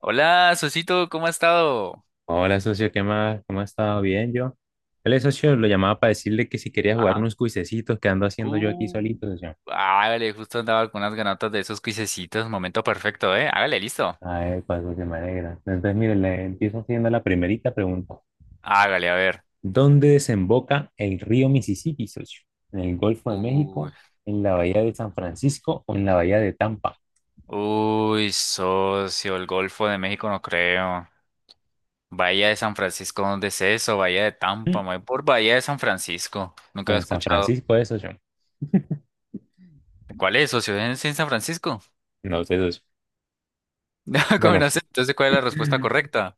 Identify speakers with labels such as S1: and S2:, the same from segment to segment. S1: Hola, Sosito, ¿cómo ha estado?
S2: Hola, socio, ¿qué más? ¿Cómo ha estado? Bien, yo. El socio lo llamaba para decirle que si quería jugar
S1: Ajá.
S2: unos cuisecitos que ando haciendo yo aquí
S1: Uh,
S2: solito, socio.
S1: Hágale, justo andaba con unas ganotas de esos cuisecitos. Momento perfecto, ¿eh? Hágale, listo.
S2: Ay, pues, que me alegra. Entonces, mire, le empiezo haciendo la primerita pregunta.
S1: Hágale, a ver.
S2: ¿Dónde desemboca el río Mississippi, socio? ¿En el Golfo de
S1: Uy,
S2: México, en la Bahía de San Francisco o en la Bahía de Tampa?
S1: uy, socio, el Golfo de México no creo. Bahía de San Francisco, ¿dónde es eso? Bahía de Tampa,
S2: Mm,
S1: me voy por Bahía de San Francisco. Nunca
S2: Pues
S1: había
S2: en San
S1: escuchado.
S2: Francisco es, socio.
S1: ¿Cuál es, socio? ¿Es en San Francisco?
S2: No sé, socio.
S1: No, ¿cómo
S2: Bueno,
S1: no sé? Entonces, ¿cuál es la respuesta correcta?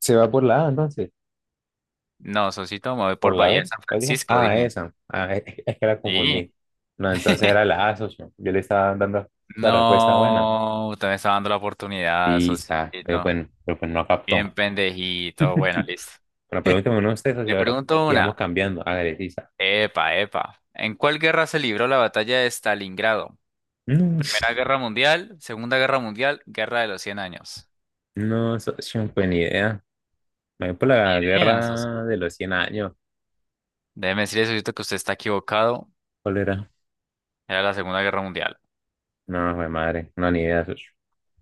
S2: se va por la A, entonces.
S1: No, socito, me voy
S2: Por
S1: por
S2: la
S1: Bahía de
S2: B,
S1: San
S2: ¿cuál dijo?
S1: Francisco,
S2: Ah,
S1: dije.
S2: esa. Ah, es que la
S1: Sí.
S2: confundí. No, entonces era la A, socio. Yo le estaba dando la respuesta buena.
S1: No, usted me está dando la oportunidad,
S2: Sí, sa, pero
S1: socito.
S2: bueno, pero pues no
S1: Bien
S2: captó.
S1: pendejito. Bueno, listo.
S2: Bueno, pregúnteme uno usted, socio,
S1: Le
S2: ahora.
S1: pregunto
S2: Y vamos
S1: una.
S2: cambiando. Hágale, sí, sa.
S1: Epa, epa. ¿En cuál guerra se libró la batalla de Stalingrado?
S2: No,
S1: Primera Guerra Mundial, Segunda Guerra Mundial, Guerra de los 100 Años.
S2: no, socio, pues ni idea. Me voy por
S1: Como que ni
S2: la
S1: idea, socio.
S2: guerra de los 100 años.
S1: Déjeme decirle, socito, que usted está equivocado.
S2: ¿Cuál era?
S1: Era la Segunda Guerra Mundial.
S2: No, fue madre. No, ni idea, socio.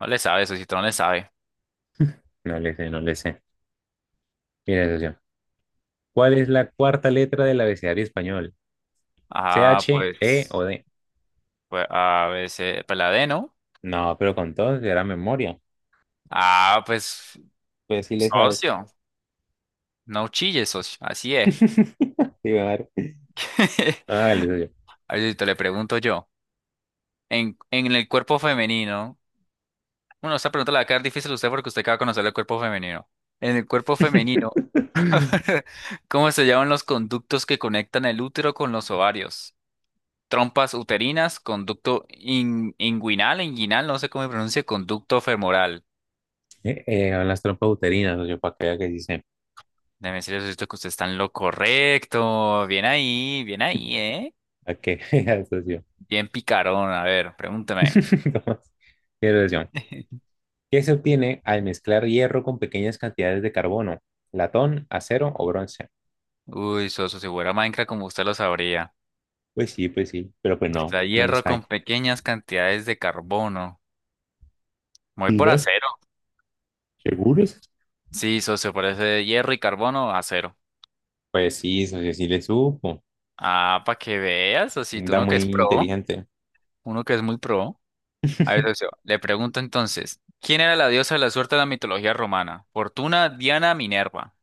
S1: No le sabe, socito, no le sabe.
S2: No le sé, no le sé. Mire, socio. ¿Cuál es la cuarta letra del abecedario español? ¿C
S1: Ah,
S2: H E o
S1: pues,
S2: D?
S1: pues a veces, pues la D, ¿no?
S2: No, pero con todo si era memoria.
S1: Ah, pues,
S2: Pues sí le sabes.
S1: socio. No chille, socio. Así es.
S2: Sí a ah Hágale, socio.
S1: Ahorita le pregunto yo. En el cuerpo femenino. Bueno, esta pregunta la va a quedar difícil a usted porque usted acaba de conocer el cuerpo femenino. En el cuerpo femenino, ¿cómo se llaman los conductos que conectan el útero con los ovarios? Trompas uterinas, conducto inguinal, no sé cómo se pronuncia, conducto femoral.
S2: A las trompas uterinas, socio, para que vea que sí sé.
S1: Déjeme decirle esto que usted está en lo correcto. Bien ahí, ¿eh?
S2: Para que vea, socio.
S1: Bien picarón. A ver, pregúntame.
S2: ¿Cómo es? Mire, socio, ¿qué se obtiene al mezclar hierro con pequeñas cantidades de carbono? ¿Latón, acero o bronce?
S1: Uy, Soso, si fuera Minecraft como usted lo sabría.
S2: Pues sí, pero pues no,
S1: Mezclar
S2: no les
S1: hierro
S2: hay.
S1: con pequeñas cantidades de carbono. Me voy por
S2: Mira,
S1: acero.
S2: ¿seguros?
S1: Sí, socio, por ese hierro y carbono, acero.
S2: Pues sí, socio, sí, sí le supo.
S1: Ah, para que veas, tú
S2: Anda
S1: uno que
S2: muy
S1: es pro,
S2: inteligente.
S1: uno que es muy pro. A ver, socio, le pregunto entonces, ¿quién era la diosa de la suerte de la mitología romana? Fortuna, Diana, Minerva.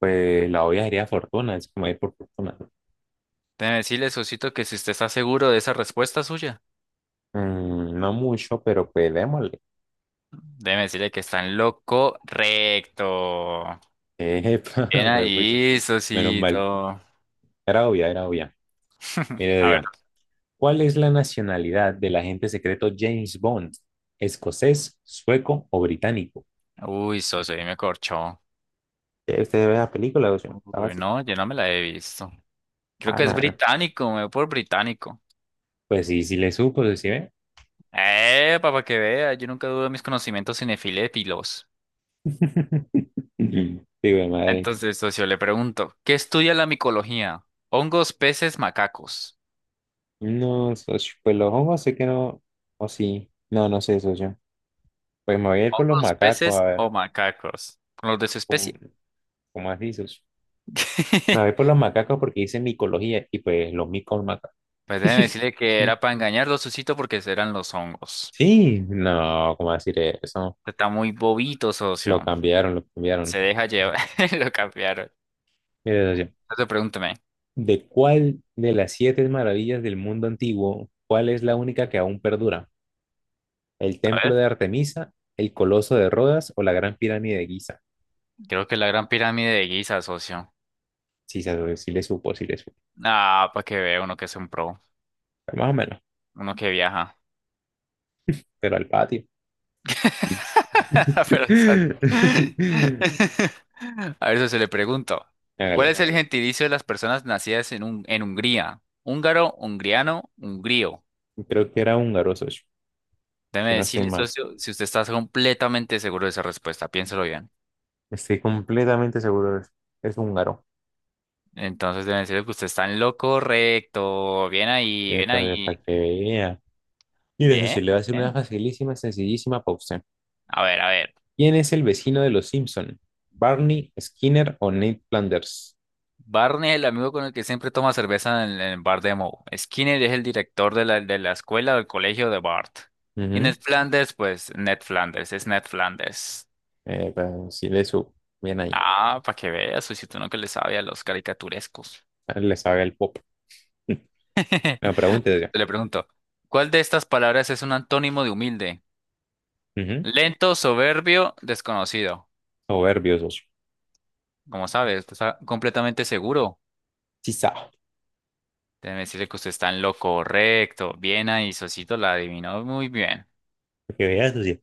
S2: Pues la obvia sería fortuna, es como ir por fortuna, ¿no?
S1: Déjeme decirle, socito, que si usted está seguro de esa respuesta suya,
S2: No mucho, pero pues démosle.
S1: déjeme decirle que está en lo correcto.
S2: Epa,
S1: Bien
S2: huepucha.
S1: ahí,
S2: Menos mal.
S1: socito.
S2: Era obvia, era obvia. Mire,
S1: A ver.
S2: Dios. ¿Cuál es la nacionalidad del agente secreto James Bond? ¿Escocés, sueco o británico?
S1: Uy, socio, ahí me corchó.
S2: Usted ve la película, socio. Está
S1: Uy,
S2: fácil.
S1: no, yo no me la he visto. Creo
S2: Ah,
S1: que es
S2: no.
S1: británico, me voy por británico.
S2: Pues sí, sí le supo, sí sí ve.
S1: Para que vea, yo nunca dudo de mis conocimientos cinefilépilos.
S2: Sí, güey, madre.
S1: Entonces, socio, le pregunto, ¿qué estudia la micología? ¿Hongos, peces, macacos?
S2: No, socio. Pues los hongos sé que no. O sí. No, no sé, socio. Pues me voy a ir por los
S1: ¿Hongos,
S2: macacos, a
S1: peces
S2: ver.
S1: o macacos? ¿Con los de su
S2: ¿Cómo,
S1: especie?
S2: cómo así, socio? Me voy por los macacos porque dice micología y pues los micos macacos.
S1: Pues déjeme decirle que era para engañarlo, Susito, porque eran los hongos.
S2: Sí, no, ¿cómo decir eso?
S1: Está muy bobito,
S2: Lo
S1: socio.
S2: cambiaron, lo cambiaron.
S1: Se deja llevar. Lo cambiaron.
S2: Mira, socio,
S1: Entonces, pregúntame.
S2: ¿de cuál de las siete maravillas del mundo antiguo, cuál es la única que aún perdura? ¿El
S1: A
S2: templo
S1: ver,
S2: de Artemisa, el coloso de Rodas o la gran pirámide de Giza?
S1: creo que la gran pirámide de Giza, socio.
S2: Sí, sí le supo, sí le supo.
S1: Ah, para que vea uno que es un pro,
S2: Más o menos,
S1: uno que viaja.
S2: pero al patio.
S1: Pero, o sea, a eso se le pregunto. ¿Cuál es
S2: Hágale.
S1: el gentilicio de las personas nacidas en, un, en Hungría? Húngaro, hungriano, hungrío.
S2: Creo que era húngaro, socio. Que
S1: Déjeme
S2: no estoy
S1: decirle,
S2: mal.
S1: socio, si usted está completamente seguro de esa respuesta, piénselo bien.
S2: Estoy completamente seguro de eso. Es húngaro.
S1: Entonces, debe decirle que usted está en lo correcto. Bien ahí, bien ahí.
S2: Para que vea. Y eso
S1: Bien,
S2: sí, le va a hacer una
S1: bien.
S2: facilísima, sencillísima para usted.
S1: A ver, a ver.
S2: ¿Quién es el vecino de los Simpson? ¿Barney, Skinner o Ned Flanders?
S1: Barney es el amigo con el que siempre toma cerveza en el bar de Moe. Skinner es el director de la escuela o del colegio de Bart. Y
S2: Ujú.
S1: Ned Flanders, pues Ned Flanders, es Ned Flanders.
S2: Sí, le su. Bien ahí.
S1: Ah, para que veas, Susito, uno que le sabe a los caricaturescos.
S2: Ah, le sabe el pop. La pregunta es ya.
S1: Le pregunto, ¿cuál de estas palabras es un antónimo de humilde?
S2: Ujú.
S1: Lento, soberbio, desconocido.
S2: Soberbio, socio.
S1: Como sabes, usted está completamente seguro.
S2: Sí sabe.
S1: Déjeme decirle que usted está en lo correcto. Bien ahí, Sosito la adivinó muy bien.
S2: Para que vea, socio.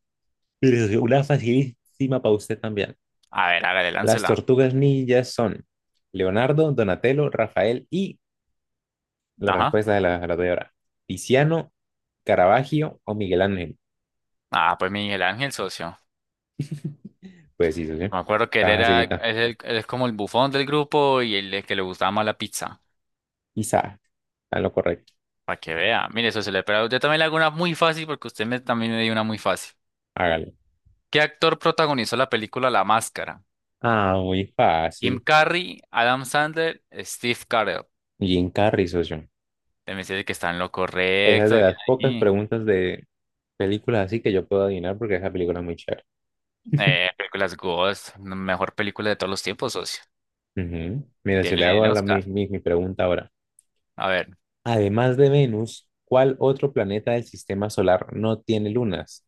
S2: Mire, socio, una facilísima para usted también.
S1: A ver, hágale,
S2: Las
S1: láncela.
S2: tortugas ninjas son Leonardo, Donatello, Rafael y la
S1: Ajá.
S2: respuesta de la doy ahora. Tiziano, Caravaggio o Miguel Ángel.
S1: Ah, pues Miguel Ángel, socio.
S2: Pues sí, sí, sí.
S1: Me acuerdo que él
S2: Está
S1: era,
S2: facilita.
S1: él es como el bufón del grupo y el, que le gustaba más la pizza.
S2: Quizá. Está lo correcto.
S1: Para que vea. Mire, socio, le, pero yo también le hago una muy fácil porque usted me, también me dio una muy fácil.
S2: Hágalo.
S1: ¿Qué actor protagonizó la película La Máscara?
S2: Ah, muy
S1: Jim
S2: fácil.
S1: Carrey, Adam Sandler, Steve Carell.
S2: Jim Carrey, socio.
S1: Te me que está en lo
S2: Esa es
S1: correcto.
S2: de
S1: Bien
S2: las pocas
S1: ahí.
S2: preguntas de películas así que yo puedo adivinar porque esa película es muy chévere.
S1: Películas Ghost, mejor película de todos los tiempos, socio.
S2: Ujú. Mira, si le
S1: Tiene
S2: hago
S1: el
S2: ahora la, mi,
S1: Oscar.
S2: mi- mi pregunta ahora.
S1: A ver,
S2: Además de Venus, ¿cuál otro planeta del sistema solar no tiene lunas?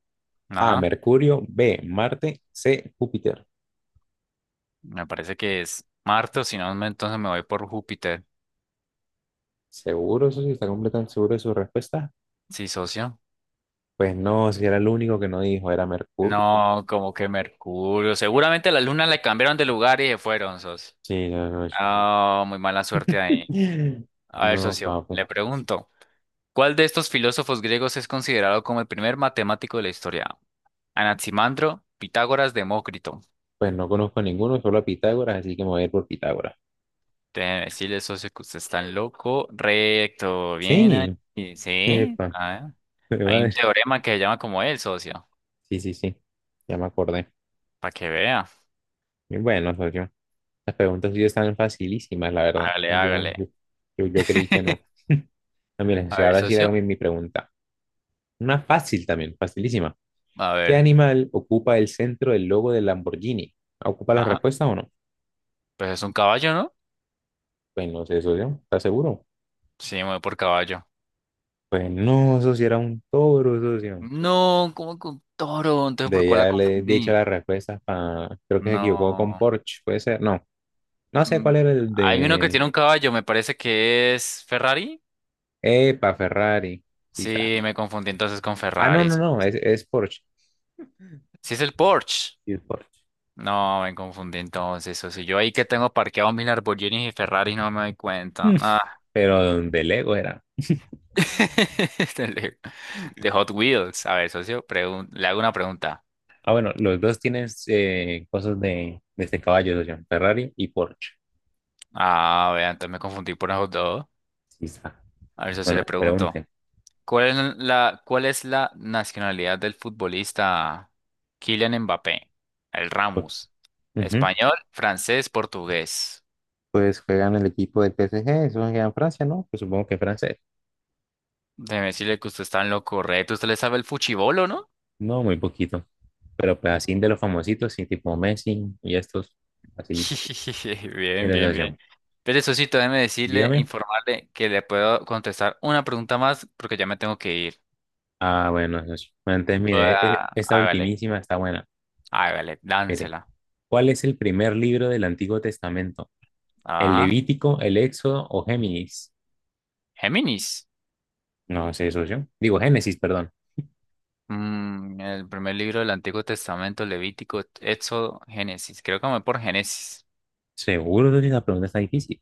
S2: A,
S1: ajá.
S2: Mercurio; B, Marte; C, Júpiter.
S1: Me parece que es Marte, o si no, entonces me voy por Júpiter.
S2: ¿Seguro? Eso sí, está completamente seguro de su respuesta.
S1: Sí, socio.
S2: Pues no, si era el único que no dijo, era Mercurio.
S1: No, como que Mercurio. Seguramente la luna le cambiaron de lugar y se fueron, socio.
S2: Sí, no, no.
S1: Ah, muy mala suerte ahí. A ver,
S2: No,
S1: socio,
S2: papu.
S1: le pregunto, ¿cuál de estos filósofos griegos es considerado como el primer matemático de la historia? Anaximandro, Pitágoras, Demócrito.
S2: Pues no conozco a ninguno, solo a Pitágoras, así que me voy a ir por Pitágoras.
S1: Déjeme decirle, socio, que usted está loco. Recto, bien
S2: Sí,
S1: ahí. Sí,
S2: epa,
S1: ah,
S2: qué
S1: hay un
S2: madre.
S1: teorema que se llama como él, socio,
S2: Sí, sí, sí, ya me acordé.
S1: para que vea.
S2: Y bueno, socio, las preguntas sí están facilísimas, la verdad.
S1: Hágale,
S2: Yo, yo,
S1: hágale.
S2: yo, yo creí que no. Ah, mira,
S1: A
S2: si
S1: ver,
S2: ahora sí le hago
S1: socio,
S2: mi pregunta. Una fácil también, facilísima.
S1: a
S2: ¿Qué
S1: ver.
S2: animal ocupa el centro del logo del Lamborghini? ¿Ocupa la
S1: Ajá.
S2: respuesta o no?
S1: Pues es un caballo, ¿no?
S2: Pues no sé, socio, ¿estás seguro?
S1: Sí, me voy por caballo.
S2: Pues no, eso sí era un toro, socio.
S1: No, como con toro? Entonces, ¿por
S2: De
S1: cuál la
S2: ya le he dicho
S1: confundí?
S2: las respuestas. Para creo que se equivocó con
S1: No.
S2: Porsche, puede ser. No, no sé
S1: Mm,
S2: cuál era el
S1: hay uno que
S2: de...
S1: tiene un caballo, me parece que es Ferrari.
S2: Epa, Ferrari, quizá.
S1: Sí, me confundí entonces con
S2: Ah, no,
S1: Ferrari.
S2: no, no, es Porsche.
S1: Sí, es el Porsche.
S2: Sí, es Porsche.
S1: No, me confundí entonces. O sea, yo ahí que tengo parqueados mis Lamborghinis y Ferrari no me doy cuenta.
S2: Mm.
S1: Ah.
S2: Pero de Lego era.
S1: De de Hot Wheels. A ver, socio, le hago una pregunta.
S2: Ah, bueno, los dos tienen cosas de este caballo, socio, Ferrari y Porsche,
S1: Ah, vean, entonces me confundí por esos dos.
S2: quizá.
S1: A ver, socio,
S2: Bueno,
S1: le pregunto.
S2: pregunten.
S1: ¿Cuál es la nacionalidad del futbolista Kylian Mbappé? El
S2: Pues,
S1: Ramos.
S2: ujú.
S1: Español, francés, portugués.
S2: Pues juegan el equipo del PSG, eso juega en Francia, ¿no? Pues supongo que Francia.
S1: Déjeme decirle que usted está en lo correcto. Usted le sabe el fuchibolo, ¿no?
S2: No, muy poquito. Pero pues así de los famositos, sí, tipo Messi y estos, así, mi
S1: Bien, bien, bien.
S2: sensación.
S1: Pero eso sí, déjeme decirle,
S2: Dígame.
S1: informarle que le puedo contestar una pregunta más porque ya me tengo que ir.
S2: Ah, bueno, socio. Bueno, entonces mire,
S1: Ah,
S2: esta
S1: hágale,
S2: ultimísima está buena.
S1: hágale,
S2: Mire,
S1: dánsela.
S2: ¿cuál es el primer libro del Antiguo Testamento? ¿El
S1: Ajá.
S2: Levítico, el Éxodo o Géminis?
S1: Géminis.
S2: No sé, socio. Digo, Génesis, perdón.
S1: Mm, el primer libro del Antiguo Testamento, Levítico, Éxodo, Génesis. Creo que me voy por Génesis.
S2: Seguro que la pregunta está difícil.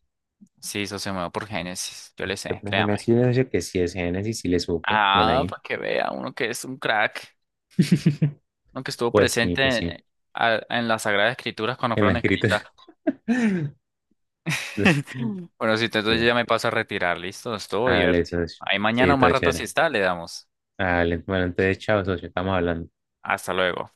S1: Sí, eso se me va por Génesis. Yo le
S2: Pero
S1: sé,
S2: déjeme
S1: créame.
S2: decirle, socio, que si es Génesis, sí le supo. Bien
S1: Ah,
S2: ahí.
S1: para que vea uno que es un crack, uno que estuvo
S2: Pues sí,
S1: presente
S2: pues sí.
S1: en, en las Sagradas Escrituras cuando
S2: En la
S1: fueron
S2: escritura.
S1: escritas. Bueno, si entonces yo
S2: Bueno,
S1: ya me paso a retirar, listo, estuvo
S2: hágale,
S1: divertido.
S2: socio.
S1: Ahí mañana
S2: Sí,
S1: o más
S2: todo
S1: rato si
S2: chévere.
S1: está, le damos.
S2: Ah, le- de entonces, chao, socio, estamos hablando.
S1: Hasta luego.